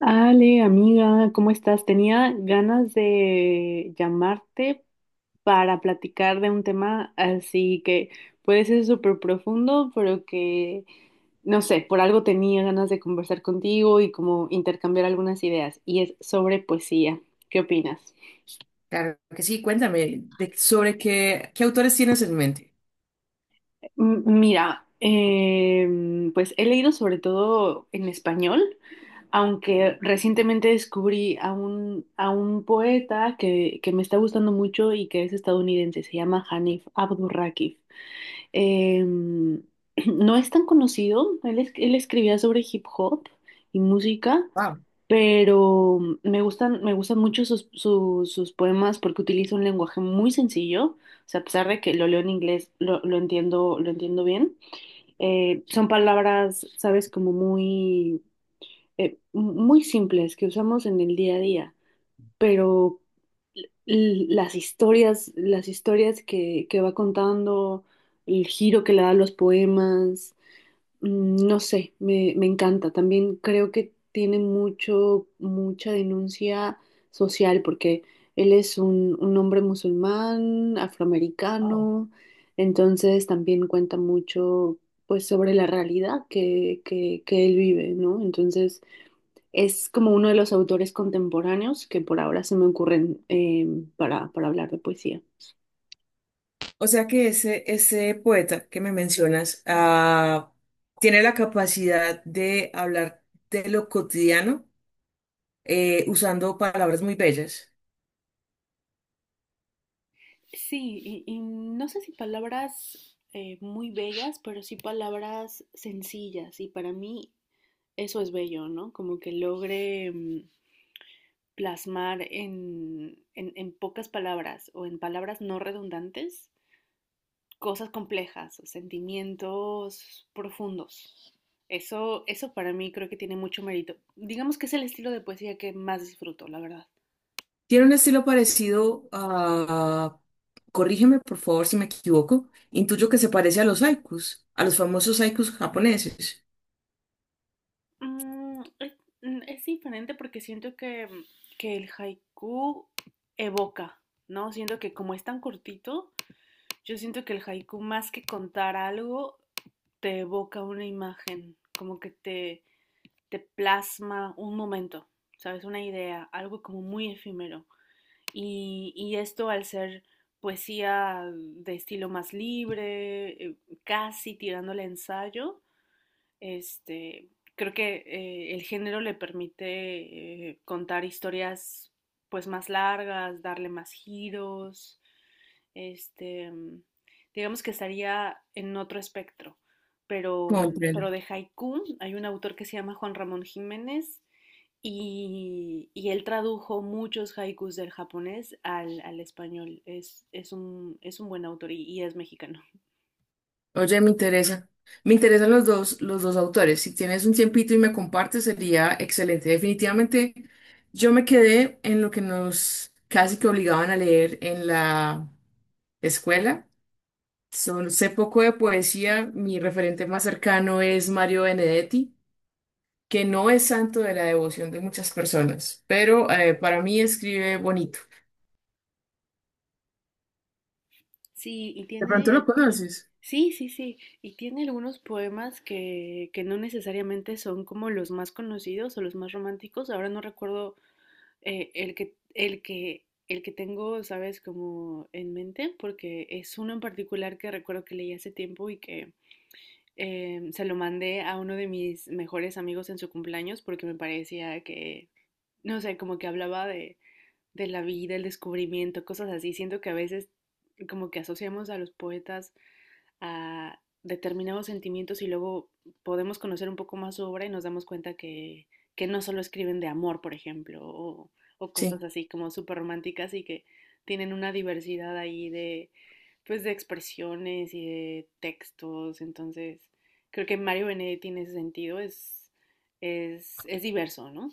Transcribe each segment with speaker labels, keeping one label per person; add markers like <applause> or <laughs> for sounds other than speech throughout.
Speaker 1: Ale, amiga, ¿cómo estás? Tenía ganas de llamarte para platicar de un tema así que puede ser súper profundo, pero no sé, por algo tenía ganas de conversar contigo y como intercambiar algunas ideas, y es sobre poesía. ¿Qué opinas?
Speaker 2: Claro que sí, cuéntame sobre qué, qué autores tienes en mente.
Speaker 1: Mira, pues he leído sobre todo en español, aunque recientemente descubrí a un poeta que me está gustando mucho y que es estadounidense, se llama Hanif Abdurrakif. <clears throat> No es tan conocido, él escribía sobre hip hop y música, pero me gustan mucho sus poemas porque utiliza un lenguaje muy sencillo, o sea, a pesar de que lo leo en inglés, lo entiendo bien. Son palabras, sabes, como muy simples que usamos en el día a día, pero las historias que va contando, el giro que le da a los poemas, mm, no sé, me encanta. También creo que tiene mucha denuncia social, porque él es un hombre musulmán,
Speaker 2: Wow.
Speaker 1: afroamericano, entonces también cuenta mucho, pues, sobre la realidad que él vive, ¿no? Entonces, es como uno de los autores contemporáneos que por ahora se me ocurren para hablar de poesía.
Speaker 2: O sea que ese poeta que me mencionas, tiene la capacidad de hablar de lo cotidiano, usando palabras muy bellas.
Speaker 1: Sí, y no sé si palabras muy bellas, pero sí palabras sencillas. Y para mí eso es bello, ¿no? Como que logre, mm, plasmar en pocas palabras o en palabras no redundantes cosas complejas, sentimientos profundos. Eso para mí creo que tiene mucho mérito. Digamos que es el estilo de poesía que más disfruto, la verdad.
Speaker 2: Tiene un estilo parecido a, corrígeme por favor si me equivoco, intuyo que se parece a los haikus, a los famosos haikus japoneses.
Speaker 1: Mm, es, es diferente porque siento que el haiku evoca, ¿no? Siento que como es tan cortito, yo siento que el haiku, más que contar algo, te evoca una imagen, como que te plasma un momento, ¿sabes? Una idea, algo como muy efímero. Y esto, al ser poesía de estilo más libre, casi tirándole a ensayo, este, creo que el género le permite, contar historias pues más largas, darle más giros, este, mm, digamos que estaría en otro espectro, pero, mm,
Speaker 2: Comprendo.
Speaker 1: pero de haiku hay un autor que se llama Juan Ramón Jiménez. Y y, él tradujo muchos haikus del japonés al español. Es un buen autor y es mexicano.
Speaker 2: Oye, me interesa. Me interesan los dos autores. Si tienes un tiempito y me compartes, sería excelente. Definitivamente, yo me quedé en lo que nos casi que obligaban a leer en la escuela. Sé poco de poesía. Mi referente más cercano es Mario Benedetti, que no es santo de la devoción de muchas personas, pero para mí escribe bonito.
Speaker 1: Sí, y
Speaker 2: De pronto
Speaker 1: tiene,
Speaker 2: lo conoces.
Speaker 1: sí, sí, sí, y tiene algunos poemas que no necesariamente son como los más conocidos o los más románticos. Ahora no recuerdo, el que tengo, ¿sabes? Como en mente, porque es uno en particular que recuerdo que leí hace tiempo y que, se lo mandé a uno de mis mejores amigos en su cumpleaños porque me parecía que, no sé, como que hablaba de la vida, el descubrimiento, cosas así. Siento que a veces como que asociamos a los poetas a determinados sentimientos y luego podemos conocer un poco más su obra y nos damos cuenta que no solo escriben de amor, por ejemplo, o cosas
Speaker 2: Sí.
Speaker 1: así como súper románticas, y que tienen una diversidad ahí de, pues, de expresiones y de textos. Entonces, creo que Mario Benedetti en ese sentido es diverso, ¿no?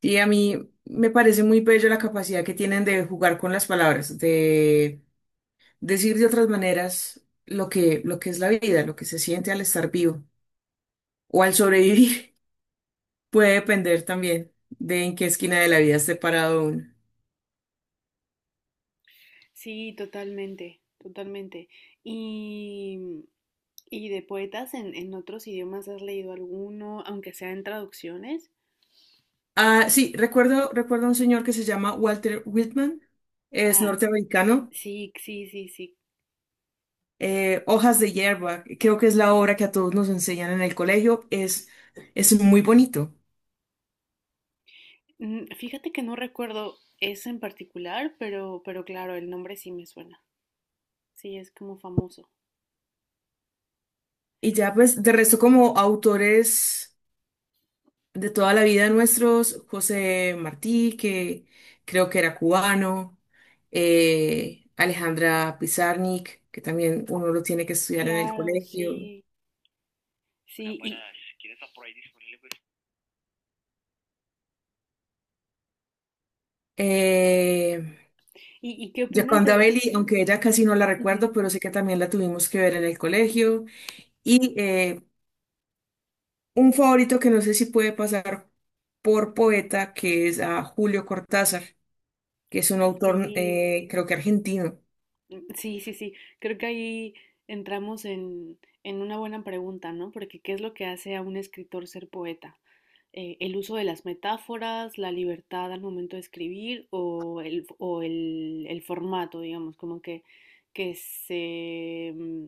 Speaker 2: Y a mí me parece muy bello la capacidad que tienen de jugar con las palabras, de decir de otras maneras lo que es la vida, lo que se siente al estar vivo o al sobrevivir, <laughs> puede depender también de en qué esquina de la vida esté parado uno.
Speaker 1: Sí, totalmente, totalmente. Y, y de poetas en otros idiomas, ¿has leído alguno, aunque sea en traducciones?
Speaker 2: Ah, sí, recuerdo a un señor que se llama Walter Whitman, es
Speaker 1: Ah,
Speaker 2: norteamericano.
Speaker 1: sí, sí, sí, sí.
Speaker 2: Hojas de hierba, creo que es la obra que a todos nos enseñan en el colegio, es muy bonito.
Speaker 1: Mm, fíjate que no recuerdo ese en particular, pero claro, el nombre sí me suena. Sí, es como famoso.
Speaker 2: Y ya pues, de resto como autores de toda la vida nuestros, José Martí, que creo que era cubano, Alejandra Pizarnik, que también uno lo tiene que estudiar en el
Speaker 1: Claro,
Speaker 2: colegio.
Speaker 1: sí, sí.
Speaker 2: Eh,
Speaker 1: ¿Y qué opinas de
Speaker 2: Gioconda
Speaker 1: la...
Speaker 2: Belli, aunque ella casi no la
Speaker 1: Ujú.
Speaker 2: recuerdo, pero sé que también la tuvimos que ver en el colegio. Y un favorito que no sé si puede pasar por poeta, que es a Julio Cortázar, que es un autor,
Speaker 1: Sí,
Speaker 2: creo que argentino.
Speaker 1: sí, sí, sí. Creo que ahí entramos en una buena pregunta, ¿no? Porque ¿qué es lo que hace a un escritor ser poeta? ¿El uso de las metáforas, la libertad al momento de escribir o el formato, digamos, como que, que se, mm,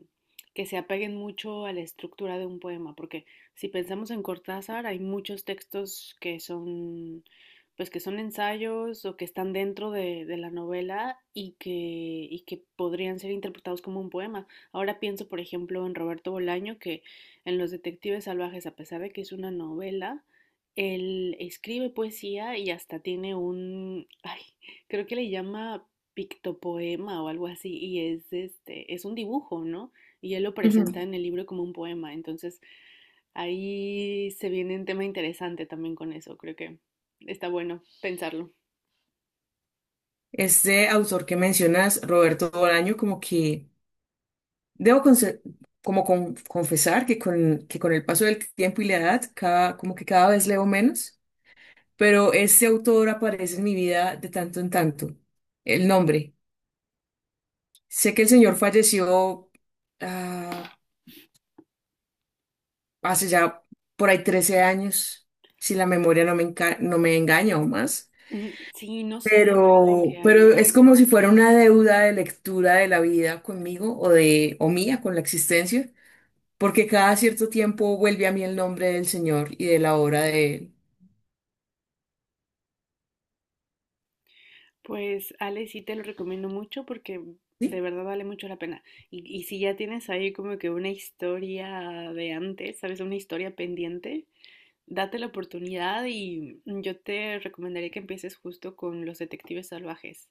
Speaker 1: que se apeguen mucho a la estructura de un poema? Porque si pensamos en Cortázar, hay muchos textos que son, pues que son ensayos o que están dentro de la novela y que podrían ser interpretados como un poema. Ahora pienso, por ejemplo, en Roberto Bolaño, que en Los Detectives Salvajes, a pesar de que es una novela, él escribe poesía y hasta tiene un, <laughs> ay, creo que le llama pictopoema o algo así, y es es un dibujo, ¿no? Y él lo presenta en el libro como un poema. Entonces, ahí se viene un tema interesante también con eso, creo que está bueno pensarlo.
Speaker 2: Este autor que mencionas, Roberto Bolaño, como que debo conse- como confesar que con el paso del tiempo y la edad, cada, como que cada vez leo menos, pero este autor aparece en mi vida de tanto en tanto. El nombre. Sé que el señor falleció, ah, hace ya por ahí 13 años, si la memoria no me no me engaña, o más.
Speaker 1: Mm, sí, no sé la verdad en qué
Speaker 2: Pero
Speaker 1: año.
Speaker 2: es como si fuera una deuda de lectura de la vida conmigo o mía con la existencia, porque cada cierto tiempo vuelve a mí el nombre del Señor y de la obra de él.
Speaker 1: Pues Ale, sí te lo recomiendo mucho porque de
Speaker 2: ¿Sí?
Speaker 1: verdad vale mucho la pena. Y si ya tienes ahí como que una historia de antes, ¿sabes? Una historia pendiente, date la oportunidad y, mm, yo te recomendaría que empieces justo con Los Detectives Salvajes.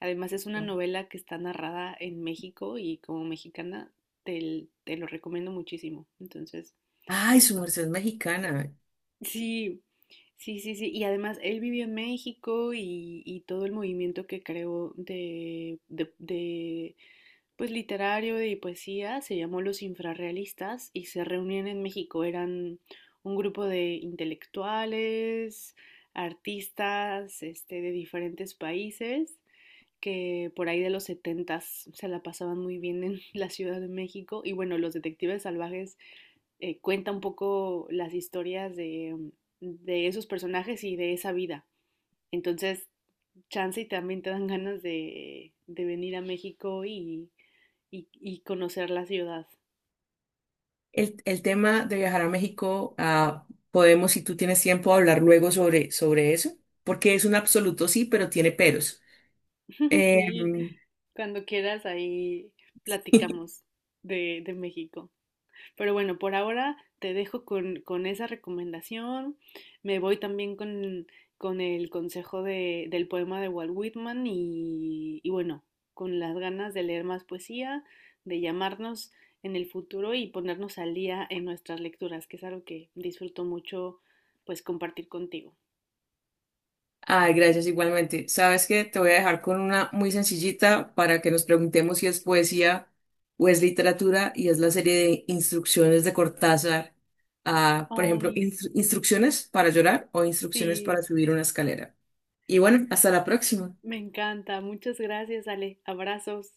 Speaker 1: Además es una novela que está narrada en México y, como mexicana, te lo recomiendo muchísimo. Entonces,
Speaker 2: Ay, su merced es mexicana.
Speaker 1: sí, sí, sí, sí. Y además él vivió en México y todo el movimiento que creó de pues literario de poesía, se llamó Los Infrarrealistas y se reunían en México. Eran un grupo de intelectuales, artistas, este, de diferentes países que por ahí de los setentas se la pasaban muy bien en <laughs> la Ciudad de México. Y bueno, Los Detectives Salvajes, cuenta un poco las historias de esos personajes y de esa vida. Entonces, chance y también te dan ganas de venir a México y conocer la ciudad.
Speaker 2: El tema de viajar a México, ah, podemos, si tú tienes tiempo, hablar luego sobre eso, porque es un absoluto sí, pero tiene peros.
Speaker 1: <laughs>
Speaker 2: Eh,
Speaker 1: Sí, cuando quieras ahí
Speaker 2: <laughs>
Speaker 1: platicamos de México. Pero bueno, por ahora te dejo con esa recomendación. Me voy también con el consejo del poema de Walt Whitman y bueno, con las ganas de leer más poesía, de llamarnos en el futuro y ponernos al día en nuestras lecturas, que es algo que disfruto mucho pues compartir contigo.
Speaker 2: Ay, gracias igualmente. Sabes que te voy a dejar con una muy sencillita para que nos preguntemos si es poesía o es literatura, y es la serie de instrucciones de Cortázar. Ah, por ejemplo,
Speaker 1: Ay,
Speaker 2: instrucciones para llorar o instrucciones
Speaker 1: sí,
Speaker 2: para subir una escalera. Y bueno, hasta la próxima.
Speaker 1: me encanta. Muchas gracias, Ale. Abrazos.